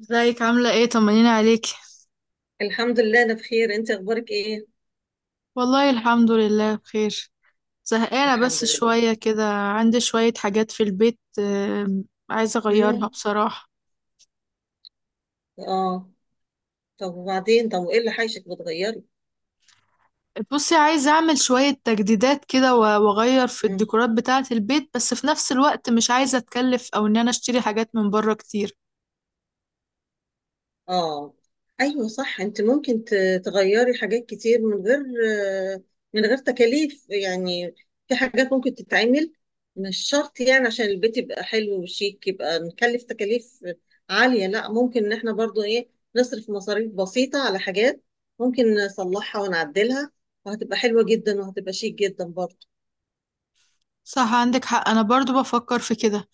ازيك؟ عاملة ايه؟ طمنيني عليكي. الحمد لله انا بخير. انت اخبارك ايه؟ والله الحمد لله بخير. زهقانة بس الحمد لله. شوية كده، عندي شوية حاجات في البيت عايزة اغيرها امم. بصراحة. اه. طب وبعدين، طب وايه اللي حايشك بتغيري؟ بصي، عايزة اعمل شوية تجديدات كده واغير في امم. الديكورات بتاعة البيت، بس في نفس الوقت مش عايزة اتكلف او ان انا اشتري حاجات من بره كتير. اه. ايوه صح. انت ممكن تغيري حاجات كتير من غير، آه، تكاليف يعني. في حاجات ممكن تتعمل. مش شرط يعني عشان البيت يبقى حلو وشيك يبقى نكلف تكاليف عالية. لا، ممكن ان احنا برضو ايه نصرف مصاريف بسيطة على حاجات ممكن نصلحها ونعدلها وهتبقى حلوة جدا وهتبقى شيك جدا برضو. صح، عندك حق، انا برضو بفكر في كده.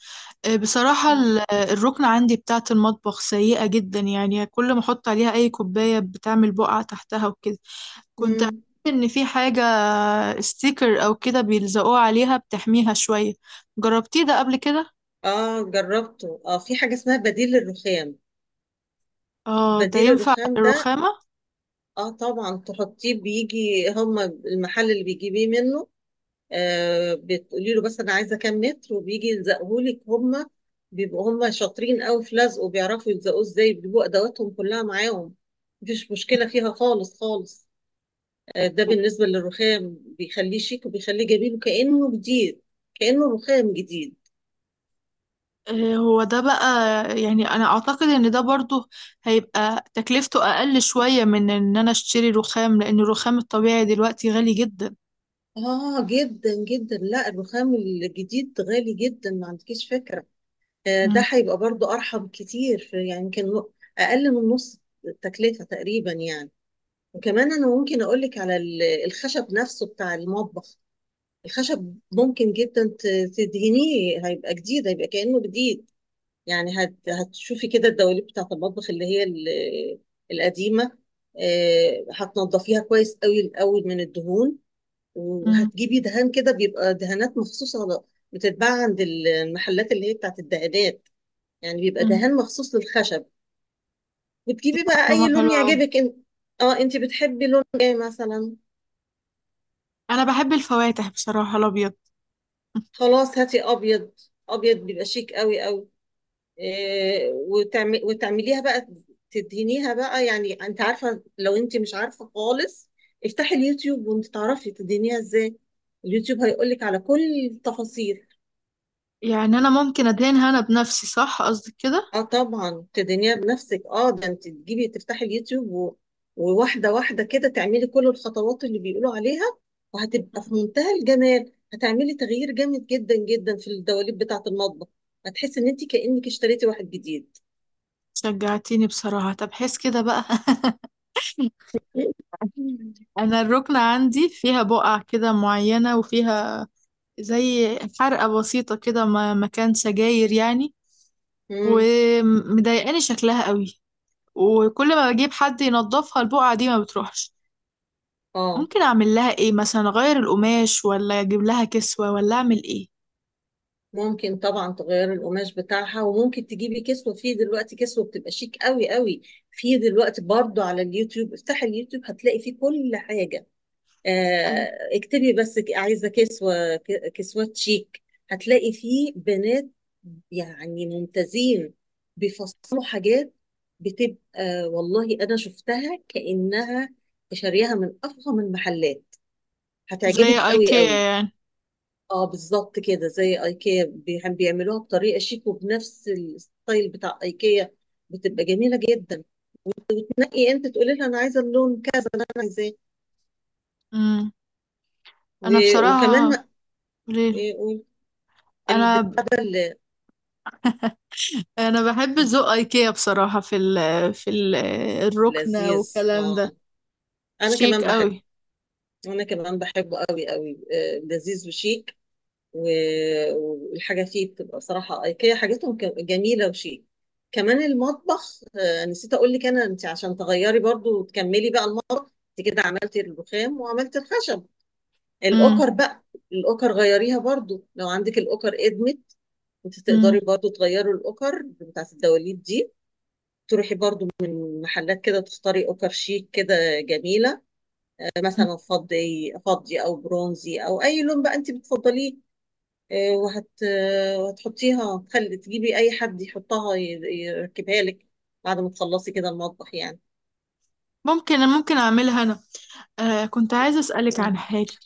بصراحة الركنة عندي بتاعة المطبخ سيئة جدا، يعني كل ما احط عليها اي كوباية بتعمل بقع تحتها وكده. كنت عارفة مم. إن في حاجة ستيكر أو كده بيلزقوه عليها بتحميها شوية. جربتيه ده قبل كده؟ اه جربته. اه، في حاجة اسمها بديل الرخام. اه، ده بديل ينفع الرخام ده الرخامة؟ اه طبعا تحطيه. بيجي هما المحل اللي بيجيبيه منه، بتقولي له بس انا عايزة كام متر وبيجي يلزقهولك هما. بيبقوا هما شاطرين قوي في لزقه وبيعرفوا يلزقوه ازاي. بيبقوا ادواتهم كلها معاهم. مفيش مشكلة فيها خالص خالص. ده بالنسبة للرخام، بيخليه شيك وبيخليه جميل وكأنه جديد، كأنه رخام جديد. هو ده بقى. يعني أنا أعتقد إن ده برضو هيبقى تكلفته أقل شوية من إن أنا أشتري رخام، لأن الرخام الطبيعي دلوقتي غالي جدا. آه جدا جدا. لا، الرخام الجديد غالي جدا، ما عندكيش فكرة. ده مم. هيبقى برضو أرحب كتير أقل من نص التكلفة تقريبا يعني. وكمان أنا ممكن أقولك على الخشب نفسه بتاع المطبخ. الخشب ممكن جدا تدهنيه، هيبقى جديد، هيبقى كأنه جديد. يعني هتشوفي كده الدواليب بتاعة المطبخ اللي هي القديمة. هتنضفيها كويس قوي الأول من الدهون، مم. وهتجيبي دهان كده، بيبقى دهانات مخصوص على بتتباع عند المحلات اللي هي بتاعت الدهانات. يعني بيبقى مم. دهان مخصوص للخشب. وتجيبي بقى اي معلومة لون حلوة أوي. يعجبك انت. اه انت بتحبي لون ايه مثلا؟ أنا بحب الفواتح بصراحة، الأبيض. خلاص هاتي ابيض. ابيض بيبقى شيك قوي قوي. إيه وتعمل وتعمليها بقى، تدهنيها بقى يعني. انت عارفه؟ لو انت مش عارفه خالص افتحي اليوتيوب وانت تعرفي تدهنيها ازاي. اليوتيوب هيقولك على كل التفاصيل. يعني أنا ممكن أدهنها أنا بنفسي، صح قصدك كده؟ اه طبعا تدينيها بنفسك. اه، ده انت تجيبي، تفتحي اليوتيوب و... وواحده واحده كده تعملي كل الخطوات اللي بيقولوا عليها. وهتبقى في منتهى الجمال. هتعملي تغيير جامد جدا جدا في الدواليب بتاعه المطبخ. هتحسي ان انت كانك اشتريتي واحد جديد. شجعتيني بصراحة، طب حس كده بقى. انا الركنة عندي فيها بقع كده معينة، وفيها زي حرقة بسيطة كده، مكان سجاير يعني. امم. ومضايقاني شكلها قوي، وكل ما بجيب حد ينظفها البقعة دي ما بتروحش. اه، ممكن اعمل لها ايه مثلا، اغير القماش ولا اجيب لها كسوة ولا اعمل ايه؟ ممكن طبعا تغيري القماش بتاعها، وممكن تجيبي كسوه. في دلوقتي كسوه بتبقى شيك قوي قوي. في دلوقتي برضو على اليوتيوب، افتحي اليوتيوب هتلاقي فيه كل حاجه. ايوه. اكتبي بس عايزة كسوة، كسوات شيك. هتلاقي فيه بنات يعني ممتازين بيفصلوا حاجات، بتبقى والله أنا شفتها كأنها شاريها من أفخم المحلات. زي هتعجبك قوي ايكيا قوي. يعني. اه بالظبط كده زي ايكيا. بيعملوها بطريقة شيك وبنفس الستايل بتاع ايكيا. بتبقى جميلة جدا. تنقي انت، تقولي لها انا عايزة اللون كذا اللي انا عايزاه. امم. انا و- وكمان بصراحة. ما- ليه. إيه، قولي. انا. البتاع ده انا بحب ذوق ايكيا بصراحة، في ال، في ال، الركنة لذيذ والكلام ده. اه. انا كمان شيك بحب، قوي. انا كمان بحبه قوي قوي. لذيذ وشيك. و- والحاجه فيه بتبقى صراحه ايكيا حاجتهم جميله وشيك. كمان المطبخ، نسيت اقول لك انا انت عشان تغيري برضو وتكملي بقى المطبخ. انت كده عملتي الرخام وعملتي الخشب. امم. الاوكر بقى، الاوكر غيريها برضو. لو عندك الاوكر ادمت، انت تقدري برضو تغيري الاوكر بتاعت الدواليب دي. تروحي برضو من محلات كده تختاري اوكر شيك كده جميله. مثلا فضي فضي او برونزي او اي لون بقى انت بتفضليه. وهتحطيها، تخلي تجيبي اي حد يحطها يركبها لك بعد ما تخلصي كده المطبخ يعني. ممكن، اعملها انا. آه، كنت عايزة اسألك عن آه، حاجة.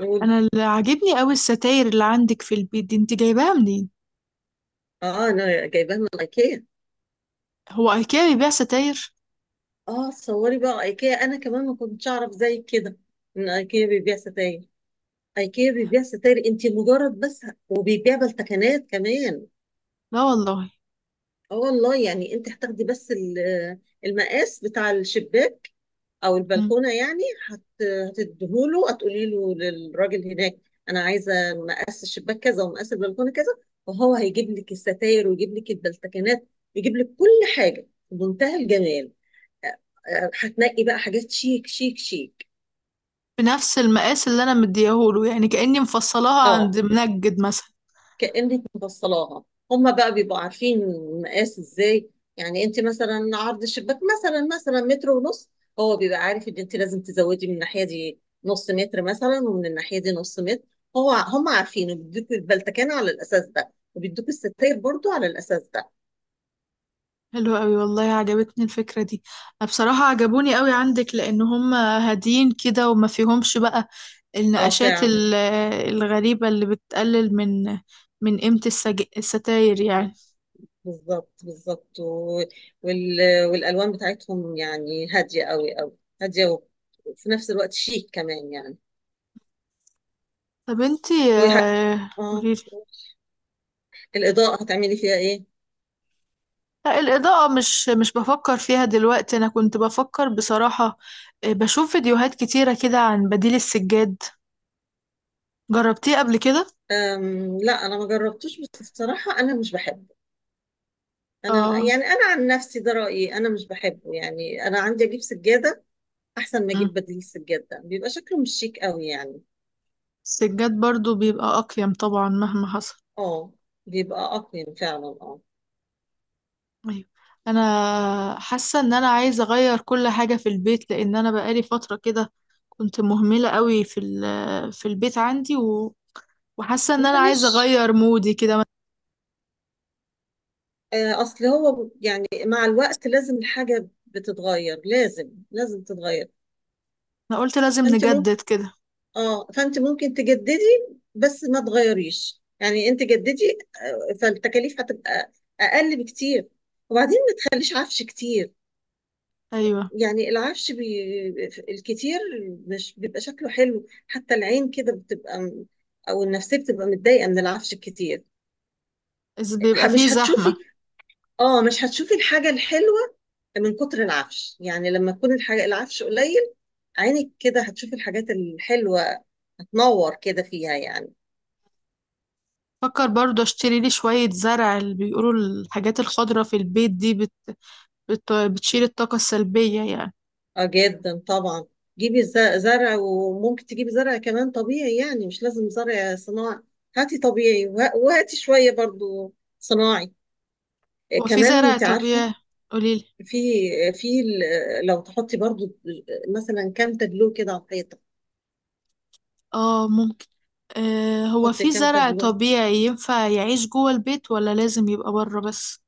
قولي. انا اللي عاجبني قوي الستاير اللي عندك في البيت دي، انت جايباها منين؟ اه انا جايباها من ايكيا. هو ايكيا بيبيع ستاير؟ اه تصوري بقى ايكيا! انا كمان ما كنتش اعرف زي كده ان ايكيا بيبيع ستاير. ايكيا بيبيع ستاير انت، مجرد بس، وبيبيع بالتكنات كمان. لا والله. اه والله. يعني انت هتاخدي بس المقاس بتاع الشباك او مم. البلكونه يعني. هت... هتديهوله، هتقولي له للراجل هناك انا عايزه مقاس الشباك كذا ومقاس البلكونه كذا. وهو هيجيب لك الستاير ويجيب لك البلتكنات ويجيب لك كل حاجه بمنتهى الجمال. آه، هتنقي بقى حاجات شيك شيك شيك. بنفس المقاس اللي انا مديهوله، يعني كأني مفصلاها عند اه منجد مثلا. كأنك مبصلاها. هما بقى بيبقوا عارفين المقاس ازاي. يعني انت مثلا عرض الشباك مثلا مثلا متر ونص، هو بيبقى عارف ان انت لازم تزودي من الناحية دي نص متر مثلا ومن الناحية دي نص متر. هو هم عارفين، وبيدوك البلتكان على الأساس ده وبيدوك الستاير برضو على الأساس ده. حلو قوي والله، عجبتني الفكرة دي. أنا بصراحة عجبوني قوي عندك، لان هم هادين كده وما فيهمش بقى اه النقشات فعلا. الغريبة اللي بتقلل من، من قيمة السج... الستاير يعني. بالظبط بالظبط. وال... والألوان بتاعتهم يعني هادية قوي قوي هادية، وفي نفس الوقت شيك كمان يعني. طب انتي، ويح... اه. قوليلي. الإضاءة هتعملي فيها إيه؟ لا، الإضاءة مش بفكر فيها دلوقتي. أنا كنت بفكر بصراحة، بشوف فيديوهات كتيرة كده عن بديل السجاد. جربتيه قبل كده؟ أم لا، أنا ما جربتوش بس بصراحة أنا مش بحبه. أنا اه. يعني أنا عن نفسي ده رأيي. أنا مش بحبه يعني. أنا عندي أجيب سجادة أحسن ما مم. أجيب بديل السجادة. بيبقى شكله مش شيك قوي يعني. السجاد برضو بيبقى أقيم طبعا مهما حصل. أه بيبقى أقيم فعلا أه. أيوة. أنا حاسة إن أنا عايزة أغير كل حاجة في البيت، لأن أنا بقالي فترة كده كنت مهملة قوي في ال، في البيت عندي، وحاسة إن أنا عايزة معلش، أغير مودي كده. أصل هو يعني مع الوقت لازم الحاجة بتتغير، لازم لازم تتغير. أنا قلت لازم فأنت، نجدد كده. اه فانت ممكن تجددي بس ما تغيريش. يعني انت جددي. فالتكاليف هتبقى اقل بكتير. وبعدين ما تخليش عفش كتير. أيوة. يعني الكتير مش بيبقى شكله حلو. حتى العين كده بتبقى او النفسيه بتبقى متضايقه من العفش الكتير. إذ بيبقى فيه مش هتشوفي. زحمة. اه مش هتشوفي الحاجه الحلوه من كتر العفش يعني. لما تكون الحاجه العفش قليل، عينك كده هتشوفي الحاجات الحلوه، هتنور كده فيها يعني. فكر برضه اشتري لي شوية زرع، اللي بيقولوا الحاجات الخضرة في البيت دي بت... بت... بتشيل الطاقة السلبية يعني. اه جدا طبعا. جيبي زرع، وممكن تجيبي زرع كمان طبيعي يعني مش لازم زرع صناعي. هاتي طبيعي وهاتي شوية برضو صناعي. هو في كمان زرع انت عارفة طبيعي؟ قوليلي. في، في لو تحطي برضو مثلا كام تابلو كده على الحيطة. اه ممكن. آه، هو حطي في كام زرع تابلو. طبيعي ينفع يعيش جوه البيت ولا لازم يبقى بره بس؟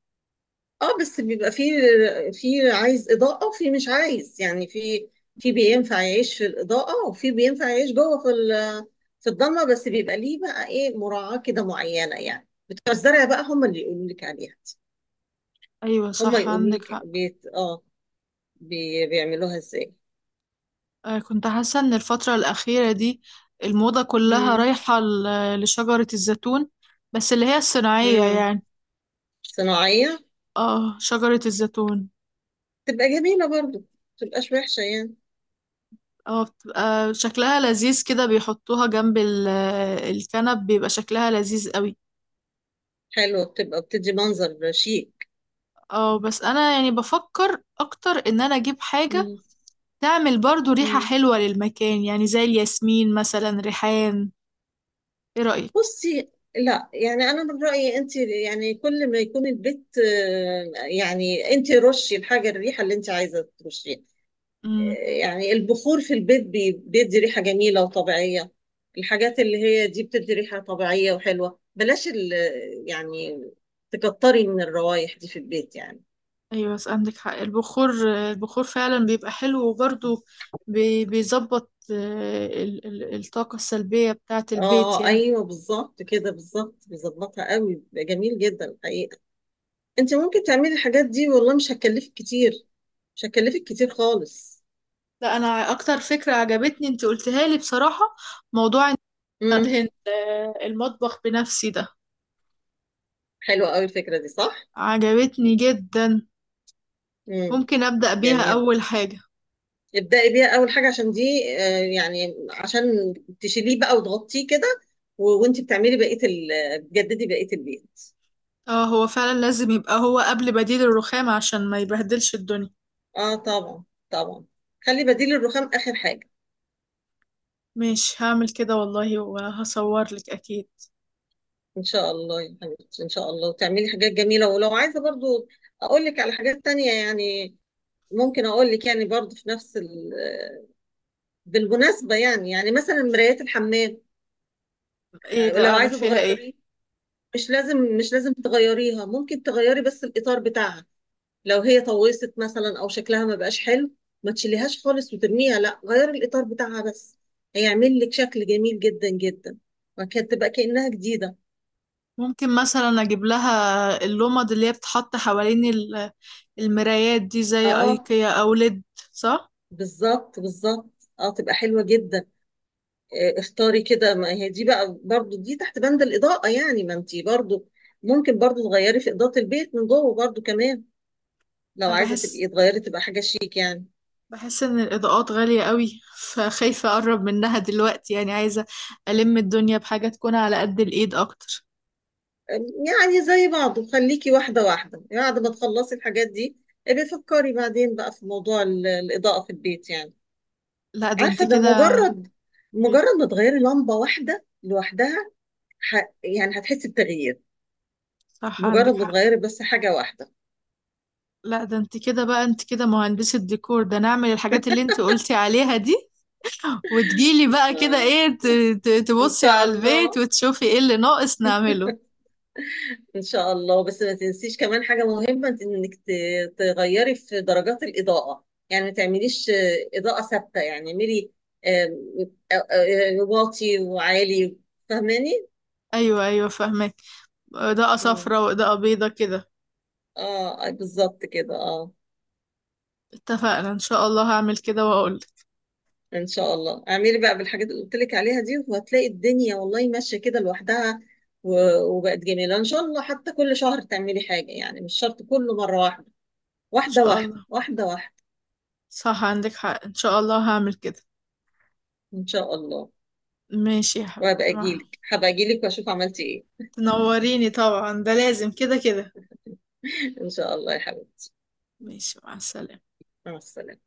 اه بس بيبقى في، في عايز اضاءه وفي مش عايز يعني. في، في بينفع يعيش في الاضاءه وفي بينفع يعيش جوه في في الضلمه. بس بيبقى ليه بقى ايه مراعاه كده معينه يعني. بتوع الزرع بقى هم اللي يقولوا لك عليها دي. ايوه هم صح، يقولوا عندك لك حق. بيت اه بيعملوها ازاي. آه، كنت حاسة ان الفترة الأخيرة دي الموضة كلها امم. رايحة لشجرة الزيتون. بس اللي هي الصناعية امم. يعني. صناعيه اه، شجرة الزيتون. تبقى جميله برضو، ما تبقاش وحشه يعني. اه بتبقى شكلها لذيذ كده، بيحطوها جنب الكنب، بيبقى شكلها لذيذ قوي. حلوه بتبقى، بتدي منظر شيك. اه بس انا يعني بفكر اكتر ان انا اجيب حاجة امم. تعمل برضو ريحة إمم. حلوة للمكان، يعني زي الياسمين مثلا، ريحان. ايه رأيك؟ بصي لا يعني. انا من رايي انت يعني كل ما يكون البيت، يعني انت رشي الحاجه الريحه اللي انت عايزه ترشيها. آه، امم. يعني البخور في البيت بيدي ريحه جميله وطبيعيه. الحاجات اللي هي دي بتدي ريحه طبيعيه وحلوه. بلاش ال، يعني تكتري من الروايح دي في البيت يعني. ايوه بس عندك حق، البخور. البخور فعلا بيبقى حلو، وبرضو بيظبط الطاقة السلبية بتاعة البيت اه يعني. ايوه بالظبط كده، بالظبط بيظبطها قوي. بيبقى جميل جدا الحقيقه. انت ممكن تعملي الحاجات دي والله مش هتكلفك كتير، مش هتكلفك كتير خالص. لا انا. اكتر فكرة عجبتني انت قلتها لي بصراحة، موضوع امم. أدهن المطبخ بنفسي ده. حلوة قوي الفكرة دي، صح؟ عجبتني جدا. امم. ممكن أبدأ بيها جميل. أول حاجة. ابدأي بيها أول حاجة عشان دي، يعني عشان تشيليه بقى وتغطيه كده وانت بتعملي بقية ال، بتجددي بقية البيت. اه هو فعلا لازم يبقى هو قبل بديل الرخام عشان ما يبهدلش الدنيا. اه طبعا، طبعا. خلي بديل الرخام آخر حاجة. مش هعمل كده والله، وهصور لك أكيد. ان شاء الله يا حبيبتي، ان شاء الله. وتعملي حاجات جميلة. ولو عايزة برضو اقول لك على حاجات تانية يعني، ممكن اقول لك يعني برضو في نفس ال... بالمناسبة يعني، يعني مثلا مرايات الحمام، ايه بقى لو أعمل عايزة فيها ايه؟ تغيري مش لازم، مش لازم تغيريها. ممكن تغيري بس الإطار بتاعها. لو هي طوست مثلا أو شكلها ما بقاش حلو، ما تشيليهاش خالص وترميها. لا، غيري الإطار بتاعها بس. هيعمل لك شكل جميل جدا جدا، وكانت تبقى كأنها جديدة. ممكن مثلا أجيب لها اللمض اللي هي بتحط حوالين المرايات دي، زي اه أيكيا أو ليد، صح؟ بالظبط بالظبط اه، تبقى حلوة جدا. اختاري كده. ما هي دي بقى برضو دي تحت بند الإضاءة يعني. ما انتي برضو ممكن برضو تغيري في إضاءة البيت من جوه برضو كمان. لو أنا عايزة بحس، تبقي تغيري تبقى حاجة شيك يعني. ان الاضاءات غالية قوي، فخايفة اقرب منها دلوقتي. يعني عايزة الم الدنيا بحاجة تكون على قد الايد اكتر. يعني زي بعضه، خليكي واحدة واحدة يعني. بعد ما تخلصي الحاجات دي ابقي فكري بعدين بقى في موضوع الإضاءة في البيت يعني. لا ده انت عارفة، ده كده. مجرد، مجرد ما تغيري لمبة واحدة لوحدها ح... يعني هتحسي بتغيير. صح مجرد عندك ما حق. تغيري بس حاجة واحدة. لا ده انت كده بقى، انت كده مهندسة ديكور، ده نعمل الحاجات اللي انت قلتي عليها دي، وتجيلي بقى كده، آه. ايه، إن تبصي شاء على البيت الله. وتشوفي ايه اللي ناقص نعمله. ان شاء الله. بس ما تنسيش كمان حاجه مهمه. انك تغيري في درجات الاضاءه. يعني ما تعمليش اضاءه ثابته. يعني اعملي آه، واطي وعالي. فاهماني؟ ايوه ايوه، فاهمك. اضاءة مم. صفراء واضاءة بيضة كده. اه بالظبط كده اه. اتفقنا، ان شاء الله هعمل كده واقولك. ان شاء الله. اعملي بقى بالحاجات اللي قلت لك عليها دي، وهتلاقي الدنيا والله ماشيه كده لوحدها وبقت جميله ان شاء الله. حتى كل شهر تعملي حاجه، يعني مش شرط كله مره واحده. ان واحده شاء الله. واحده، واحده واحده. صح عندك حق، ان شاء الله هعمل كده. ان شاء الله. ماشي يا حبيبتي، وهبقى مع. اجيلك، هبقى اجيلك واشوف عملتي ايه. تنوريني طبعا، ده لازم كده كده. ان شاء الله يا حبيبتي. ماشي، مع السلامة. مع السلامة.